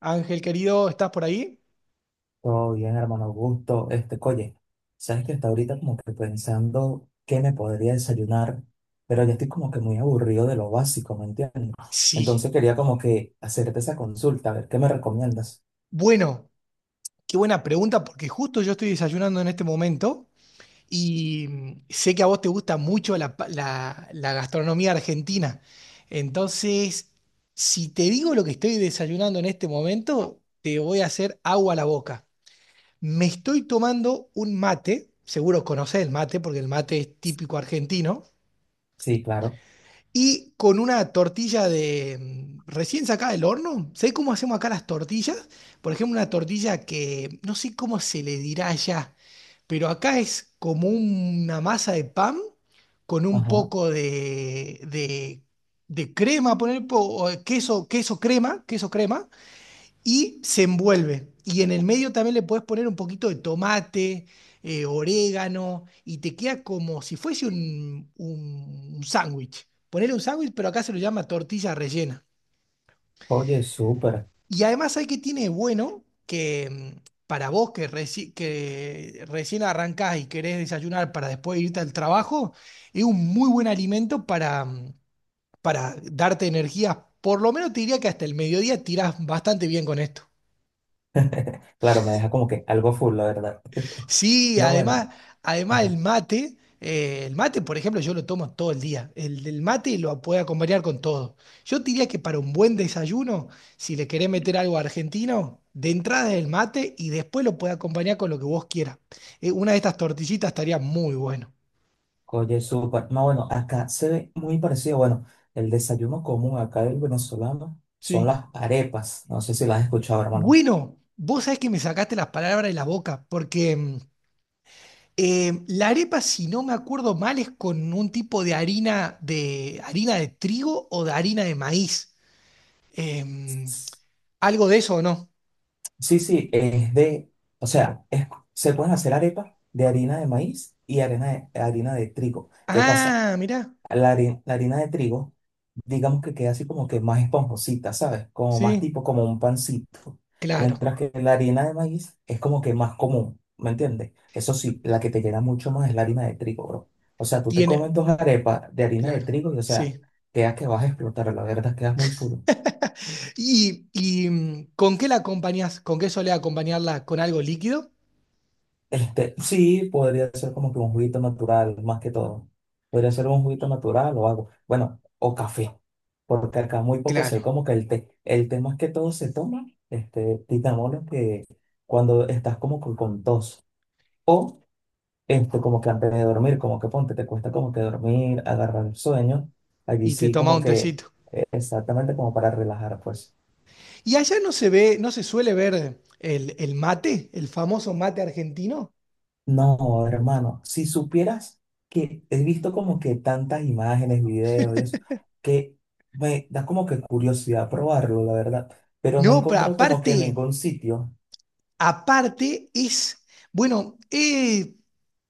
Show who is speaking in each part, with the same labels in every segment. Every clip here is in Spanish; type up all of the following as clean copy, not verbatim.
Speaker 1: Ángel querido, ¿estás por ahí?
Speaker 2: Todo bien, hermano Augusto. Oye, sabes que está ahorita como que pensando qué me podría desayunar, pero ya estoy como que muy aburrido de lo básico, ¿me entiendes?
Speaker 1: Sí.
Speaker 2: Entonces quería como que hacerte esa consulta, a ver qué me recomiendas.
Speaker 1: Bueno, qué buena pregunta porque justo yo estoy desayunando en este momento y sé que a vos te gusta mucho la gastronomía argentina. Entonces, si te digo lo que estoy desayunando en este momento, te voy a hacer agua a la boca. Me estoy tomando un mate, seguro conocés el mate porque el mate es típico argentino.
Speaker 2: Sí, claro.
Speaker 1: Y con una tortilla de recién sacada del horno. ¿Sabés cómo hacemos acá las tortillas? Por ejemplo, una tortilla que no sé cómo se le dirá allá, pero acá es como una masa de pan con un
Speaker 2: Ajá.
Speaker 1: poco de crema, poner po- o queso, queso crema, y se envuelve. Y en el medio también le puedes poner un poquito de tomate, orégano, y te queda como si fuese un sándwich. Ponerle un sándwich, pero acá se lo llama tortilla rellena.
Speaker 2: Oye, súper.
Speaker 1: Y además hay que tiene de bueno que mm, para vos que, que recién arrancás y querés desayunar para después irte al trabajo, es un muy buen alimento para, para darte energía. Por lo menos te diría que hasta el mediodía tirás bastante bien con esto.
Speaker 2: Claro, me deja como que algo full, la verdad.
Speaker 1: Sí,
Speaker 2: No,
Speaker 1: además,
Speaker 2: bueno,
Speaker 1: además
Speaker 2: ajá.
Speaker 1: el mate, por ejemplo, yo lo tomo todo el día. El mate lo puede acompañar con todo. Yo te diría que para un buen desayuno, si le querés meter algo argentino, de entrada es el mate y después lo puede acompañar con lo que vos quieras. Una de estas tortillitas estaría muy bueno.
Speaker 2: Oye, súper. No, bueno, acá se ve muy parecido. Bueno, el desayuno común acá del venezolano son
Speaker 1: Sí.
Speaker 2: las arepas. No sé si las has escuchado, hermano.
Speaker 1: Bueno, vos sabés que me sacaste las palabras de la boca, porque la arepa, si no me acuerdo mal, es con un tipo de harina de harina de trigo o de harina de maíz. Em, ¿Algo de eso o no?
Speaker 2: Sí, sí, es de, o sea, se pueden hacer arepas de harina de maíz y harina de trigo. ¿Qué pasa?
Speaker 1: Ah, mirá,
Speaker 2: La harina de trigo, digamos que queda así como que más esponjosita, ¿sabes? Como más
Speaker 1: sí,
Speaker 2: tipo como un pancito.
Speaker 1: claro,
Speaker 2: Mientras que la harina de maíz es como que más común, ¿me entiendes? Eso sí, la que te llena mucho más es la harina de trigo, bro. O sea, tú te comes
Speaker 1: tiene,
Speaker 2: dos arepas de harina de
Speaker 1: claro,
Speaker 2: trigo y, o sea,
Speaker 1: sí.
Speaker 2: quedas que vas a explotar, la verdad, quedas muy full.
Speaker 1: ¿ con qué la acompañás? ¿Con qué solés acompañarla? ¿Con algo líquido?
Speaker 2: Sí, podría ser como que un juguito natural, más que todo. Podría ser un juguito natural o algo. Bueno, o café, porque acá muy poco sé
Speaker 1: Claro,
Speaker 2: como que el té. El té más que todo se toma, titamoles que cuando estás como que con tos. O como que antes de dormir, como que ponte, te cuesta como que dormir, agarrar el sueño. Allí
Speaker 1: y te
Speaker 2: sí
Speaker 1: tomás
Speaker 2: como
Speaker 1: un
Speaker 2: que
Speaker 1: tecito.
Speaker 2: exactamente como para relajar, pues.
Speaker 1: ¿Y allá no se ve, no se suele ver el mate, el famoso mate argentino?
Speaker 2: No, hermano, si supieras que he visto como que tantas imágenes, videos, y eso, que me da como que curiosidad probarlo, la verdad, pero no he
Speaker 1: No, pero
Speaker 2: encontrado como que en
Speaker 1: aparte...
Speaker 2: ningún sitio,
Speaker 1: Aparte es, bueno,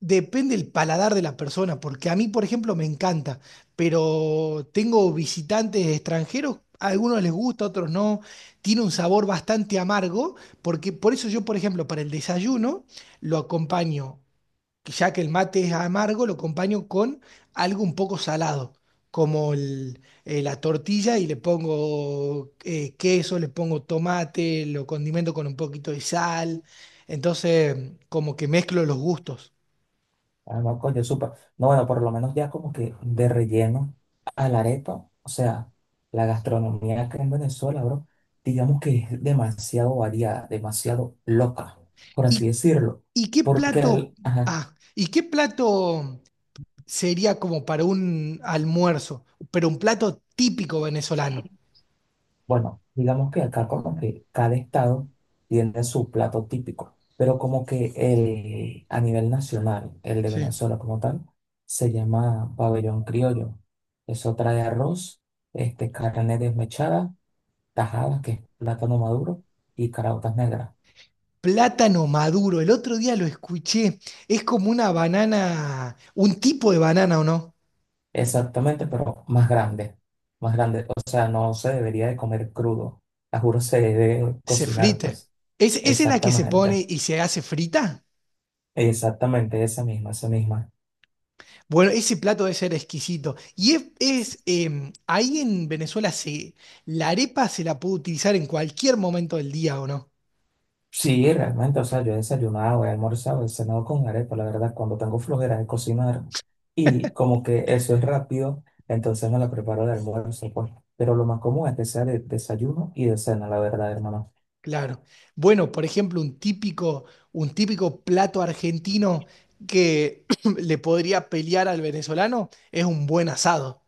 Speaker 1: depende el paladar de la persona, porque a mí, por ejemplo, me encanta, pero tengo visitantes extranjeros, a algunos les gusta, a otros no, tiene un sabor bastante amargo, porque por eso yo, por ejemplo, para el desayuno lo acompaño que ya que el mate es amargo, lo acompaño con algo un poco salado, como la tortilla y le pongo queso, le pongo tomate, lo condimento con un poquito de sal. Entonces, como que mezclo los gustos.
Speaker 2: ah, no, coño, supa, no, bueno, por lo menos ya como que de relleno a la arepa, o sea, la gastronomía acá en Venezuela, bro, digamos que es demasiado variada, demasiado loca, por así
Speaker 1: ¿Y,
Speaker 2: decirlo,
Speaker 1: y qué
Speaker 2: porque,
Speaker 1: plato,
Speaker 2: ajá,
Speaker 1: y qué plato sería como para un almuerzo, pero un plato típico venezolano?
Speaker 2: bueno, digamos que acá como que cada estado tiene su plato típico, pero como que el, a nivel nacional, el de
Speaker 1: Sí.
Speaker 2: Venezuela como tal, se llama pabellón criollo. Eso trae arroz, carne desmechada, tajadas, que es plátano maduro, y caraotas negras.
Speaker 1: Plátano maduro. El otro día lo escuché. Es como una banana, un tipo de banana, ¿o no?
Speaker 2: Exactamente, pero más grande, más grande. O sea, no se debería de comer crudo. La juro se debe
Speaker 1: Se
Speaker 2: cocinar,
Speaker 1: frite.
Speaker 2: pues.
Speaker 1: ¿Es, esa es la que se
Speaker 2: Exactamente,
Speaker 1: pone y se hace frita?
Speaker 2: exactamente, esa misma, esa misma.
Speaker 1: Bueno, ese plato debe ser exquisito. Ahí en Venezuela se, la arepa se la puede utilizar en cualquier momento del día, ¿o no?
Speaker 2: Sí, realmente, o sea, yo he desayunado, he almorzado, he cenado con arepa, la verdad, cuando tengo flojera de cocinar y como que eso es rápido, entonces me la preparo de almuerzo, pues. Pero lo más común es que sea de desayuno y de cena, la verdad, hermano.
Speaker 1: Claro. Bueno, por ejemplo, un típico plato argentino que le podría pelear al venezolano es un buen asado.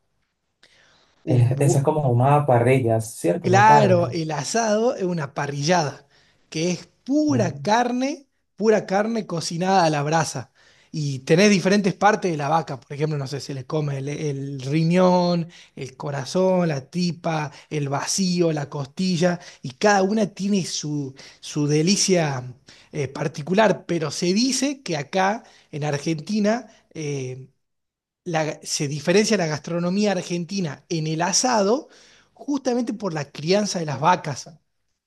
Speaker 1: Un
Speaker 2: Esa
Speaker 1: bu-
Speaker 2: es como una parrilla, ¿cierto? Una
Speaker 1: Claro,
Speaker 2: carne.
Speaker 1: el asado es una parrillada, que es
Speaker 2: Ah,
Speaker 1: pura carne cocinada a la brasa. Y tenés diferentes partes de la vaca, por ejemplo, no sé, se le come el riñón, el corazón, la tripa, el vacío, la costilla, y cada una tiene su, su delicia particular, pero se dice que acá en Argentina eh, se diferencia la gastronomía argentina en el asado justamente por la crianza de las vacas.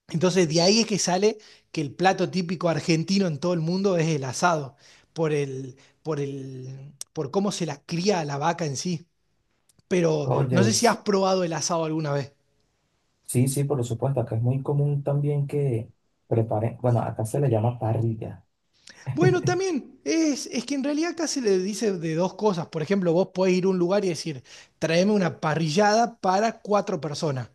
Speaker 1: Entonces de ahí es que sale que el plato típico argentino en todo el mundo es el asado, por el, por cómo se la cría a la vaca en sí. Pero no
Speaker 2: oye,
Speaker 1: sé si has probado el asado alguna vez.
Speaker 2: sí, sí, por supuesto, acá es muy común también que preparen, bueno, acá se le llama parrilla.
Speaker 1: Bueno, también es que en realidad acá se le dice de dos cosas. Por ejemplo, vos podés ir a un lugar y decir, tráeme una parrillada para cuatro personas.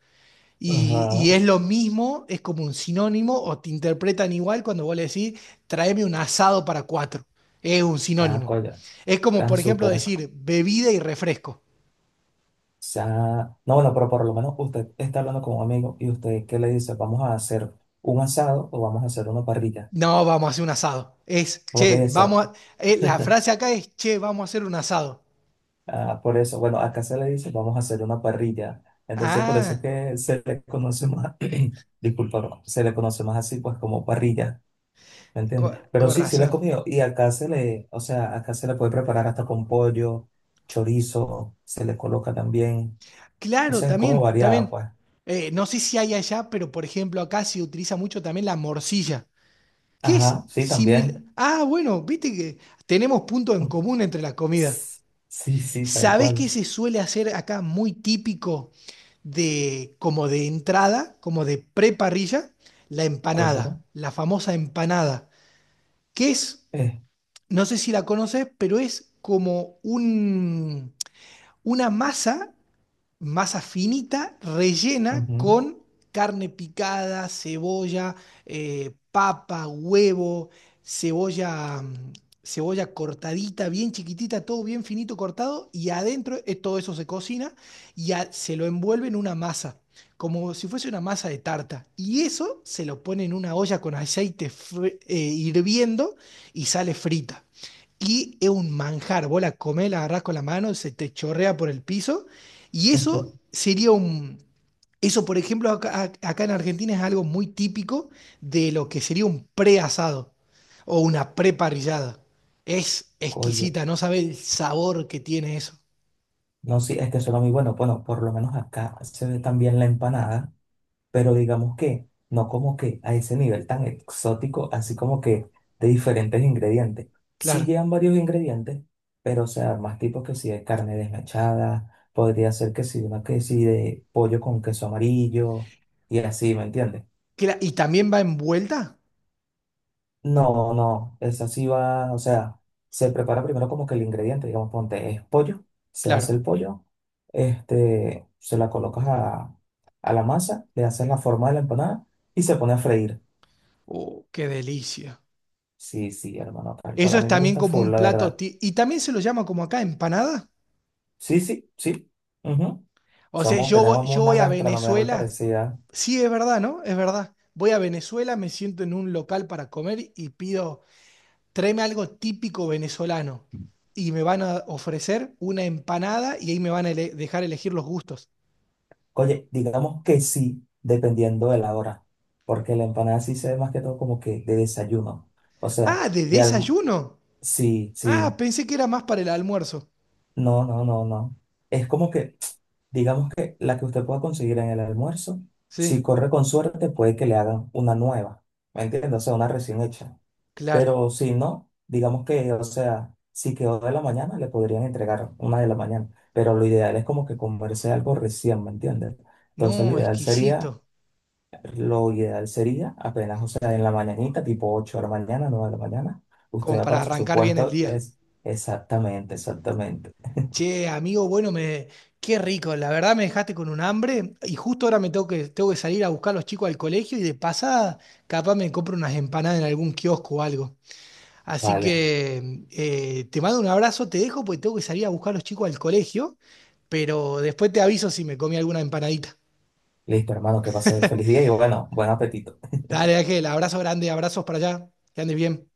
Speaker 1: Y
Speaker 2: Ajá.
Speaker 1: es lo mismo, es como un sinónimo, o te interpretan igual cuando vos le decís, tráeme un asado para cuatro. Es un
Speaker 2: Ah,
Speaker 1: sinónimo.
Speaker 2: coño,
Speaker 1: Es como,
Speaker 2: tan
Speaker 1: por ejemplo,
Speaker 2: súper.
Speaker 1: decir bebida y refresco.
Speaker 2: Sea, no, bueno, pero por lo menos usted está hablando con un amigo y usted qué le dice, vamos a hacer un asado o vamos a hacer una parrilla.
Speaker 1: No, vamos a hacer un asado. Es,
Speaker 2: Por
Speaker 1: che,
Speaker 2: eso,
Speaker 1: vamos a- La frase acá es, che, vamos a hacer un asado.
Speaker 2: ah, por eso, bueno, acá se le dice, vamos a hacer una parrilla. Entonces, por eso es
Speaker 1: Ah,
Speaker 2: que se le conoce más, disculpa, bro, se le conoce más así, pues como parrilla, ¿me entiendes? Pero
Speaker 1: con
Speaker 2: sí, sí la he
Speaker 1: razón.
Speaker 2: comido y acá se le, o sea, acá se le puede preparar hasta con pollo, chorizo, se le coloca también, o
Speaker 1: Claro,
Speaker 2: sea, es como
Speaker 1: también,
Speaker 2: variada,
Speaker 1: también.
Speaker 2: pues.
Speaker 1: No sé si hay allá, pero por ejemplo acá se utiliza mucho también la morcilla. ¿Qué
Speaker 2: Ajá,
Speaker 1: es
Speaker 2: sí,
Speaker 1: similar?
Speaker 2: también.
Speaker 1: Ah, bueno, viste que tenemos puntos en común entre las comidas.
Speaker 2: Sí, sí, tal
Speaker 1: ¿Sabés qué
Speaker 2: cual.
Speaker 1: se suele hacer acá muy típico de como de entrada, como de preparrilla? La empanada,
Speaker 2: Cuéntame.
Speaker 1: la famosa empanada, que es,
Speaker 2: Eh,
Speaker 1: no sé si la conoces, pero es como un, una masa masa finita, rellena
Speaker 2: Ujú.
Speaker 1: con carne picada, cebolla, papa, huevo, cebolla, cebolla cortadita, bien chiquitita, todo bien finito cortado, y adentro todo eso se cocina y se lo envuelve en una masa, como si fuese una masa de tarta. Y eso se lo pone en una olla con aceite hirviendo y sale frita. Y es un manjar, vos la comés, la agarrás con la mano, se te chorrea por el piso y eso sería un... Eso, por ejemplo, acá en Argentina es algo muy típico de lo que sería un preasado o una preparrillada. Es
Speaker 2: Coño.
Speaker 1: exquisita, no sabe el sabor que tiene eso.
Speaker 2: No, sí, es que suena muy bueno. Bueno, por lo menos acá se ve también la empanada, pero digamos que no como que a ese nivel tan exótico, así como que de diferentes ingredientes. Sí
Speaker 1: Claro.
Speaker 2: llevan varios ingredientes, pero o sea, más tipos que si de carne desmechada, podría ser que si una que si de pollo con queso amarillo y así, ¿me entiendes?
Speaker 1: ¿Y también va envuelta?
Speaker 2: No, no, esa sí va, o sea, se prepara primero como que el ingrediente, digamos, ponte, es pollo, se hace el
Speaker 1: Claro.
Speaker 2: pollo, se la colocas a la masa, le haces la forma de la empanada y se pone a freír.
Speaker 1: Oh, qué delicia.
Speaker 2: Sí, sí, hermano, tal cual,
Speaker 1: Eso
Speaker 2: a
Speaker 1: es
Speaker 2: mí me
Speaker 1: también
Speaker 2: gusta
Speaker 1: como
Speaker 2: full,
Speaker 1: un
Speaker 2: la
Speaker 1: plato.
Speaker 2: verdad.
Speaker 1: Y también se lo llama como acá, empanada.
Speaker 2: Sí, sí, sí, ujú.
Speaker 1: O sea,
Speaker 2: Somos, tenemos
Speaker 1: yo
Speaker 2: una
Speaker 1: voy a
Speaker 2: gastronomía muy
Speaker 1: Venezuela.
Speaker 2: parecida.
Speaker 1: Sí, es verdad, ¿no? Es verdad. Voy a Venezuela, me siento en un local para comer y pido tráeme algo típico venezolano y me van a ofrecer una empanada y ahí me van a dejar elegir los gustos.
Speaker 2: Oye, digamos que sí, dependiendo de la hora, porque la empanada sí se ve más que todo como que de desayuno, o sea,
Speaker 1: Ah, de
Speaker 2: de alm-
Speaker 1: desayuno.
Speaker 2: sí,
Speaker 1: Ah,
Speaker 2: sí.
Speaker 1: pensé que era más para el almuerzo.
Speaker 2: No, no, no, no. Es como que, digamos que la que usted pueda conseguir en el almuerzo,
Speaker 1: Sí,
Speaker 2: si corre con suerte, puede que le hagan una nueva, ¿me entiendes? O sea, una recién hecha.
Speaker 1: claro.
Speaker 2: Pero si no, digamos que, o sea, si quedó de la mañana, le podrían entregar una de la mañana. Pero lo ideal es como que comerse algo recién, ¿me entiendes? Entonces, lo
Speaker 1: No,
Speaker 2: ideal sería,
Speaker 1: exquisito.
Speaker 2: lo ideal sería apenas, o sea, en la mañanita, tipo 8, de la mañana, 9 de la mañana, usted
Speaker 1: Como
Speaker 2: va
Speaker 1: para
Speaker 2: para su
Speaker 1: arrancar bien el
Speaker 2: puesto,
Speaker 1: día.
Speaker 2: es exactamente, exactamente.
Speaker 1: Che, amigo, bueno, me... qué rico. La verdad me dejaste con un hambre y justo ahora tengo que salir a buscar a los chicos al colegio y de pasada capaz me compro unas empanadas en algún kiosco o algo. Así
Speaker 2: Vale.
Speaker 1: que te mando un abrazo, te dejo porque tengo que salir a buscar a los chicos al colegio, pero después te aviso si me comí alguna empanadita.
Speaker 2: Listo, hermano, que pase feliz día y bueno, buen apetito.
Speaker 1: Dale, Ángel, abrazo grande, abrazos para allá, que andes bien.